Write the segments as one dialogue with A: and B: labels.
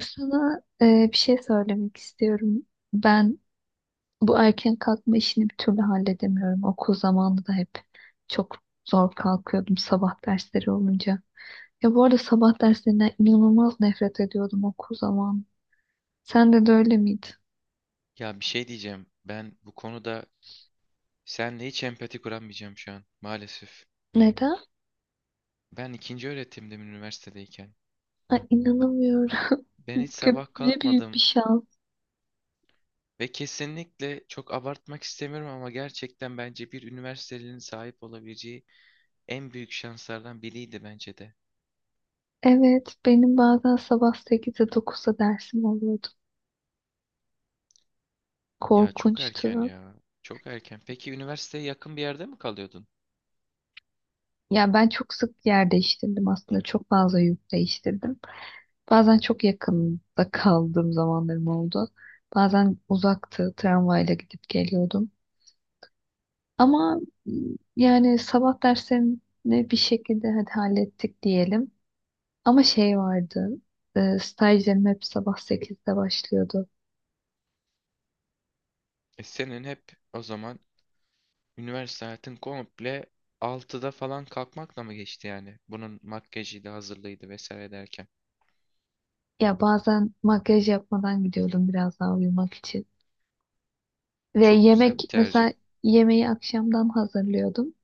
A: Sana bir şey söylemek istiyorum. Ben bu erken kalkma işini bir türlü halledemiyorum. Okul zamanında da hep çok zor kalkıyordum sabah dersleri olunca. Ya bu arada sabah derslerinden inanılmaz nefret ediyordum okul zamanı. Sen de öyle miydi?
B: Ya bir şey diyeceğim. Ben bu konuda senle hiç empati kuramayacağım şu an maalesef.
A: Neden?
B: Ben ikinci öğretimdim üniversitedeyken.
A: Ay, inanamıyorum.
B: Ben hiç sabah
A: Ne büyük bir
B: kalkmadım
A: şans.
B: ve kesinlikle çok abartmak istemiyorum ama gerçekten bence bir üniversitelinin sahip olabileceği en büyük şanslardan biriydi bence de.
A: Evet, benim bazen sabah 8'de 9'da dersim oluyordu.
B: Ya çok
A: Korkunçtu.
B: erken ya. Çok erken. Peki üniversiteye yakın bir yerde mi kalıyordun?
A: Ya ben çok sık yer değiştirdim aslında. Çok fazla yurt değiştirdim. Bazen çok yakında kaldığım zamanlarım oldu. Bazen uzaktı, tramvayla gidip geliyordum. Ama m, yani sabah derslerini bir şekilde hadi hallettik diyelim. Ama şey vardı, stajlarım hep sabah 8'de başlıyordu.
B: E senin hep o zaman üniversite hayatın komple 6'da falan kalkmakla mı geçti yani? Bunun makyajıydı, hazırlığıydı vesaire derken.
A: Ya bazen makyaj yapmadan gidiyordum biraz daha uyumak için. Ve
B: Çok güzel
A: yemek,
B: bir tercih.
A: mesela yemeği akşamdan hazırlıyordum.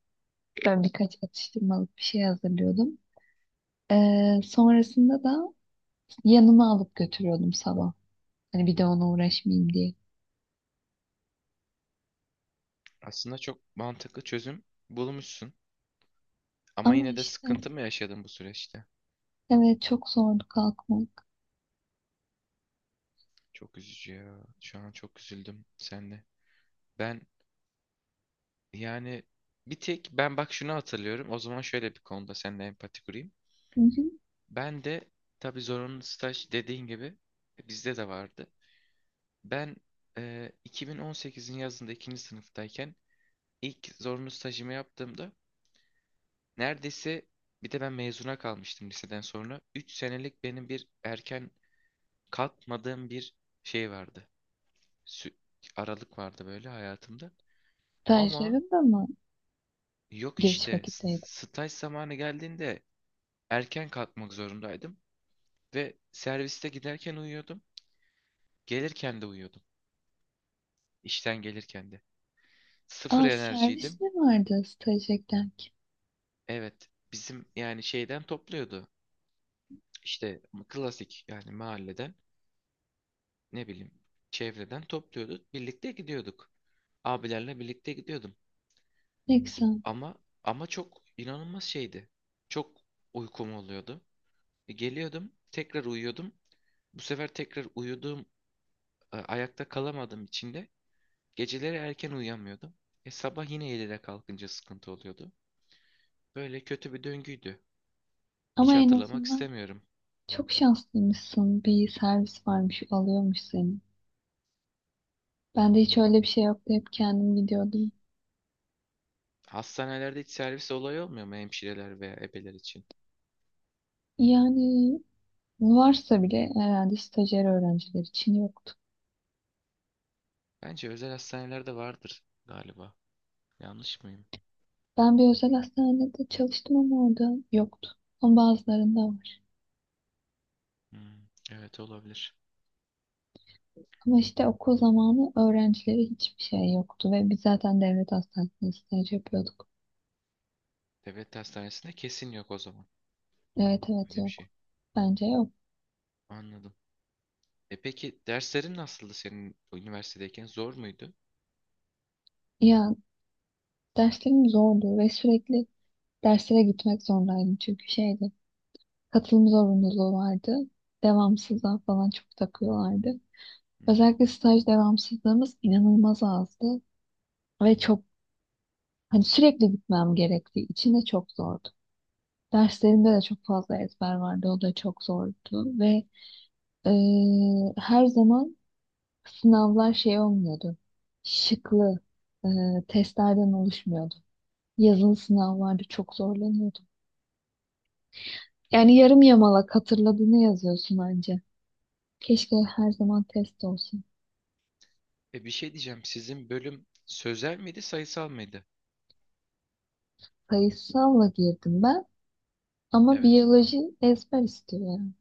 A: Ben birkaç atıştırmalık bir şey hazırlıyordum. Sonrasında da yanıma alıp götürüyordum sabah. Hani bir de ona uğraşmayayım diye.
B: Aslında çok mantıklı çözüm bulmuşsun. Ama
A: Ama
B: yine de
A: işte
B: sıkıntı mı yaşadın bu süreçte?
A: evet, çok zordu kalkmak.
B: Çok üzücü ya. Şu an çok üzüldüm seninle. Ben yani bir tek ben bak şunu hatırlıyorum. O zaman şöyle bir konuda seninle empati kurayım.
A: Bugün
B: Ben de tabii zorunlu staj dediğin gibi bizde de vardı. Ben 2018'in yazında ikinci sınıftayken İlk zorunlu stajımı yaptığımda neredeyse bir de ben mezuna kalmıştım liseden sonra. 3 senelik benim bir erken kalkmadığım bir şey vardı. Sü- Aralık vardı böyle hayatımda. Ama
A: stajlarım da mı
B: yok
A: geç
B: işte
A: vakitteydi?
B: staj zamanı geldiğinde erken kalkmak zorundaydım. Ve serviste giderken uyuyordum. Gelirken de uyuyordum. İşten gelirken de. Sıfır
A: Aa, servis
B: enerjiydim.
A: mi vardı stajdayken ki?
B: Evet bizim yani şeyden topluyordu. İşte klasik yani mahalleden. Ne bileyim çevreden topluyorduk. Birlikte gidiyorduk. Abilerle birlikte gidiyordum.
A: Neyse.
B: Ama ama çok inanılmaz şeydi. Çok uykum oluyordu. Geliyordum, tekrar uyuyordum. Bu sefer tekrar uyuduğum, ayakta kalamadığım için de geceleri erken uyuyamıyordum. Sabah yine 7'de kalkınca sıkıntı oluyordu. Böyle kötü bir döngüydü. Hiç
A: Ama en
B: hatırlamak
A: azından
B: istemiyorum.
A: çok şanslıymışsın. Bir servis varmış, alıyormuş seni. Ben de hiç öyle bir şey yoktu. Hep kendim gidiyordum.
B: Hastanelerde hiç servis olayı olmuyor mu hemşireler veya ebeler için?
A: Yani varsa bile herhalde stajyer öğrenciler için yoktu.
B: Bence özel hastanelerde vardır galiba. Yanlış mıyım?
A: Ben bir özel hastanede çalıştım ama orada yoktu. Ama bazılarında var.
B: Hmm, evet olabilir.
A: Ama işte okul zamanı öğrencileri hiçbir şey yoktu ve biz zaten devlet hastanesinde staj yapıyorduk.
B: Devlet hastanesinde kesin yok o zaman.
A: Evet evet,
B: Öyle bir
A: yok.
B: şey.
A: Bence yok.
B: Anladım. Peki derslerin nasıldı senin üniversitedeyken? Zor muydu?
A: Ya, derslerim zordu ve sürekli derslere gitmek zorundaydım çünkü şeydi. Katılım zorunluluğu vardı. Devamsızlığa falan çok takıyorlardı.
B: Hı hı.
A: Özellikle staj devamsızlığımız inanılmaz azdı ve çok, hani sürekli gitmem gerektiği için de çok zordu. Derslerimde de çok fazla ezber vardı. O da çok zordu ve her zaman sınavlar şey olmuyordu. Şıklı, e, testlerden oluşmuyordu. Yazılı sınavlarda çok zorlanıyordum. Yani yarım yamalak hatırladığını yazıyorsun anca. Keşke her zaman test olsun.
B: Bir şey diyeceğim. Sizin bölüm sözel miydi, sayısal mıydı?
A: Sayısalla girdim ben ama
B: Evet.
A: biyoloji ezber istiyor yani.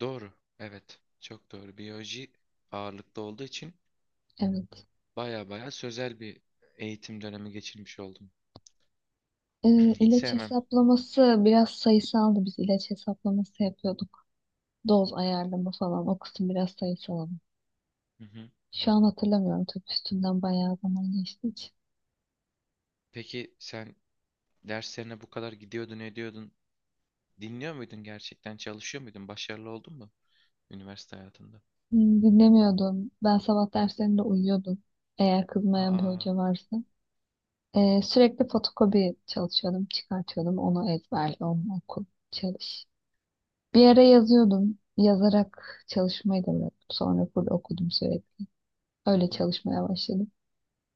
B: Doğru. Evet. Çok doğru. Biyoloji ağırlıklı olduğu için
A: Evet.
B: baya baya sözel bir eğitim dönemi geçirmiş oldum.
A: E,
B: Hiç
A: ilaç
B: sevmem.
A: hesaplaması biraz sayısaldı. Biz ilaç hesaplaması yapıyorduk. Doz ayarlama falan, o kısım biraz sayısal ama.
B: Hı hı.
A: Şu an hatırlamıyorum tabii, üstünden bayağı zaman geçti.
B: Peki sen derslerine bu kadar gidiyordun, ediyordun. Dinliyor muydun gerçekten? Çalışıyor muydun? Başarılı oldun mu? Üniversite hayatında.
A: Hmm. Dinlemiyordum. Ben sabah derslerinde uyuyordum. Eğer kızmayan bir
B: Aa.
A: hoca varsa. Sürekli fotokopi çalışıyordum, çıkartıyordum. Onu ezberle, onu oku, çalış. Bir ara yazıyordum. Yazarak çalışmayı da bıraktım. Sonra full okudum sürekli.
B: Hı
A: Öyle
B: hı.
A: çalışmaya başladım.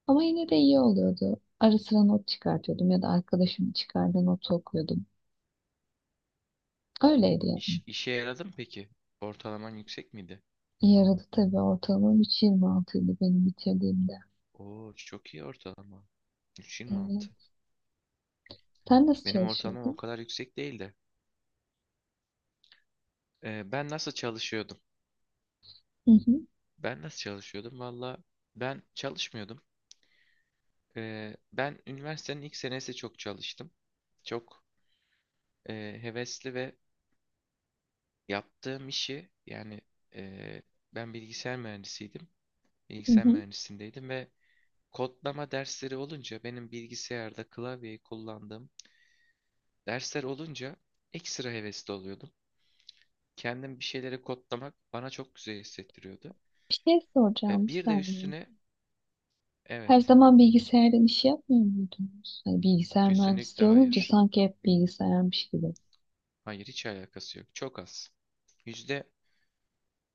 A: Ama yine de iyi oluyordu. Ara sıra not çıkartıyordum ya da arkadaşımın çıkardığı notu okuyordum. Öyleydi yani.
B: İşe yaradı mı peki? Ortalaman yüksek miydi?
A: Yaradı tabii, ortalamam 3,26 idi benim bitirdiğimde.
B: Oo çok iyi ortalama.
A: Ee,
B: 3,26.
A: Sen nasıl
B: Benim ortalamam o
A: çalışıyordun?
B: kadar yüksek değildi. Ben nasıl çalışıyordum?
A: Hı hı.
B: Ben nasıl çalışıyordum? Valla ben çalışmıyordum. Ben üniversitenin ilk senesi çok çalıştım. Çok e, hevesli ve yaptığım işi yani e, ben bilgisayar mühendisiydim.
A: Hı
B: Bilgisayar
A: hı.
B: mühendisindeydim ve kodlama dersleri olunca benim bilgisayarda klavyeyi kullandığım dersler olunca ekstra hevesli oluyordum. Kendim bir şeyleri kodlamak bana çok güzel hissettiriyordu.
A: Bir şey soracağım, bir
B: Bir de
A: saniye.
B: üstüne
A: Her
B: evet,
A: zaman bilgisayardan iş yapmıyor muydunuz? Hani bilgisayar
B: kesinlikle
A: mühendisliği olunca
B: hayır.
A: sanki hep bilgisayarmış gibi.
B: Hayır hiç alakası yok. Çok az. Yüzde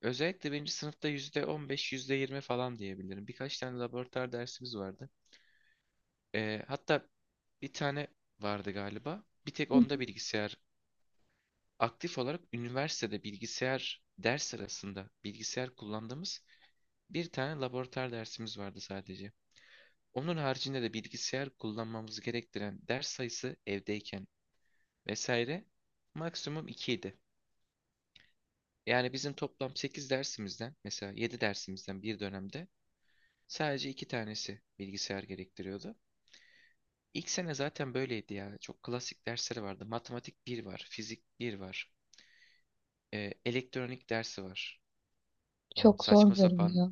B: Özellikle birinci sınıfta yüzde 15 yüzde 20 falan diyebilirim. Birkaç tane laboratuvar dersimiz vardı. Hatta bir tane vardı galiba. Bir tek
A: Hı hı.
B: onda bilgisayar aktif olarak üniversitede bilgisayar ders sırasında bilgisayar kullandığımız bir tane laboratuvar dersimiz vardı sadece. Onun haricinde de bilgisayar kullanmamızı gerektiren ders sayısı evdeyken vesaire maksimum 2 idi. Yani bizim toplam 8 dersimizden mesela 7 dersimizden bir dönemde sadece 2 tanesi bilgisayar gerektiriyordu. İlk sene zaten böyleydi ya. Çok klasik dersleri vardı. Matematik bir var, fizik bir var, elektronik dersi var.
A: Çok zor
B: Saçma sapan
A: görünüyor.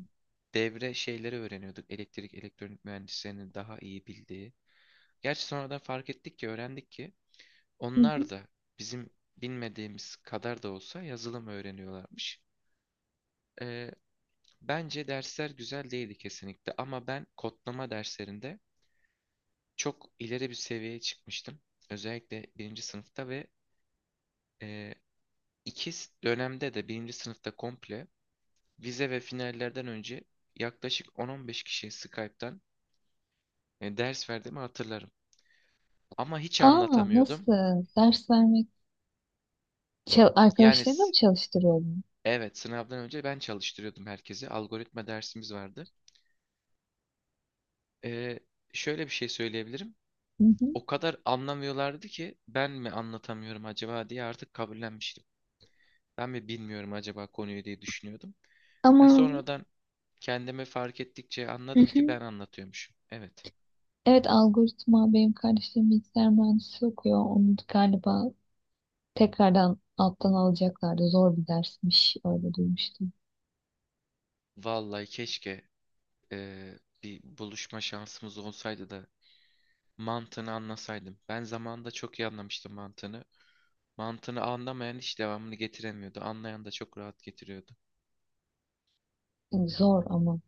B: devre şeyleri öğreniyorduk. Elektrik, elektronik mühendislerinin daha iyi bildiği. Gerçi sonradan fark ettik ki, öğrendik ki
A: Hı hı.
B: onlar da bizim bilmediğimiz kadar da olsa yazılım öğreniyorlarmış. Ee, Bence dersler güzel değildi kesinlikle ama ben kodlama derslerinde çok ileri bir seviyeye çıkmıştım. Özellikle birinci sınıfta ve e, iki dönemde de birinci sınıfta komple vize ve finallerden önce yaklaşık 10-15 kişiyi Skype'tan yani ders verdiğimi hatırlarım. Ama hiç
A: Aa,
B: anlatamıyordum.
A: nasıl? Ders vermek.
B: Yani
A: Arkadaşlarına mı çalıştırıyordun?
B: evet, sınavdan önce ben çalıştırıyordum herkesi. Algoritma dersimiz vardı. Ee, Şöyle bir şey söyleyebilirim.
A: Hı hı.
B: O kadar anlamıyorlardı ki ben mi anlatamıyorum acaba diye artık kabullenmiştim. Ben mi bilmiyorum acaba konuyu diye düşünüyordum. Ha,
A: Ama
B: sonradan kendimi fark ettikçe
A: hı
B: anladım ki ben
A: hı.
B: anlatıyormuşum. Evet.
A: Evet, algoritma. Benim kardeşlerim bilgisayar mühendisi okuyor. Onu galiba tekrardan alttan alacaklardı. Zor bir dersmiş, öyle duymuştum.
B: Vallahi keşke bir buluşma şansımız olsaydı da mantığını anlasaydım. Ben zamanında çok iyi anlamıştım mantığını. Mantığını anlamayan hiç devamını getiremiyordu. Anlayan da çok rahat getiriyordu.
A: Yani zor ama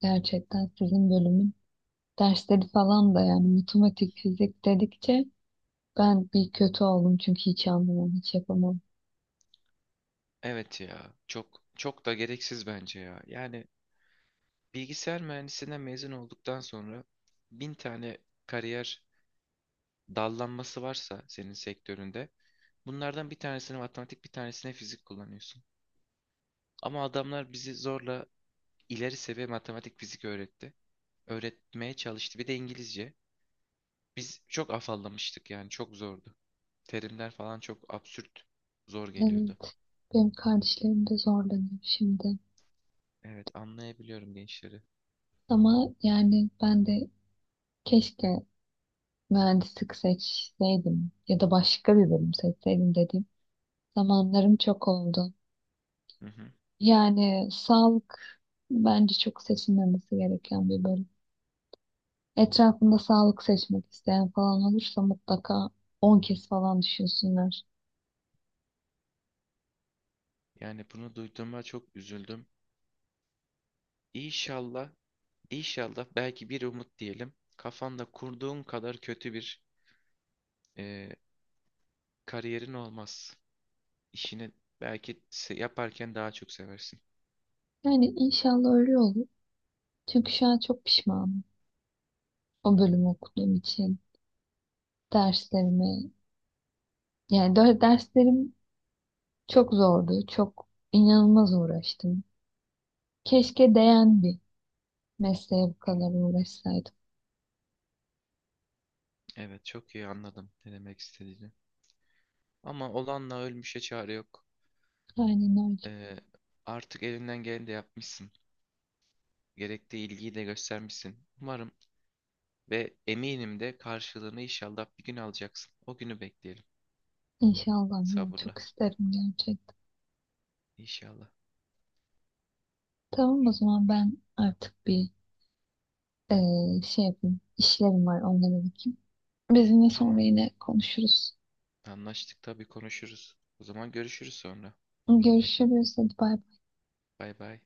A: gerçekten sizin bölümün dersleri falan da, yani matematik, fizik dedikçe ben bir kötü oldum çünkü hiç anlamam, hiç yapamam.
B: Evet ya, çok çok da gereksiz bence ya. Yani bilgisayar mühendisliğinden mezun olduktan sonra bin tane kariyer dallanması varsa senin sektöründe, bunlardan bir tanesini matematik, bir tanesine fizik kullanıyorsun. Ama adamlar bizi zorla ileri seviye matematik, fizik öğretti. Öğretmeye çalıştı. Bir de İngilizce. Biz çok afallamıştık yani çok zordu. Terimler falan çok absürt, zor geliyordu.
A: Evet, benim kardeşlerim de zorlanıyor şimdi.
B: Evet anlayabiliyorum gençleri.
A: Ama yani ben de keşke mühendislik seçseydim ya da başka bir bölüm seçseydim dediğim zamanlarım çok oldu.
B: Hı hı.
A: Yani sağlık bence çok seçilmemesi gereken bir bölüm. Etrafında sağlık seçmek isteyen falan olursa mutlaka 10 kez falan düşünsünler.
B: Yani bunu duyduğuma çok üzüldüm. İnşallah, inşallah belki bir umut diyelim. Kafanda kurduğun kadar kötü bir e, kariyerin olmaz. İşini belki yaparken daha çok seversin.
A: Yani inşallah öyle olur. Çünkü şu an çok pişmanım o bölümü okuduğum için. Derslerimi, yani derslerim çok zordu. Çok inanılmaz uğraştım. Keşke değen bir mesleğe bu kadar uğraşsaydım.
B: Evet çok iyi anladım ne demek istediğini. Ama olanla ölmüşe çare yok.
A: Aynen öyle.
B: E, Artık elinden geleni de yapmışsın. Gerektiği ilgiyi de göstermişsin. Umarım ve eminim de karşılığını inşallah bir gün alacaksın. O günü bekleyelim
A: İnşallah ya, çok
B: sabırla.
A: isterim gerçekten.
B: İnşallah.
A: Tamam, o zaman ben artık bir şey yapayım. İşlerim var, onlara bakayım. Biz yine sonra
B: Tamam.
A: yine konuşuruz.
B: Anlaştık tabii konuşuruz. O zaman görüşürüz sonra.
A: Görüşürüz. Hadi bay bay.
B: Bay bay.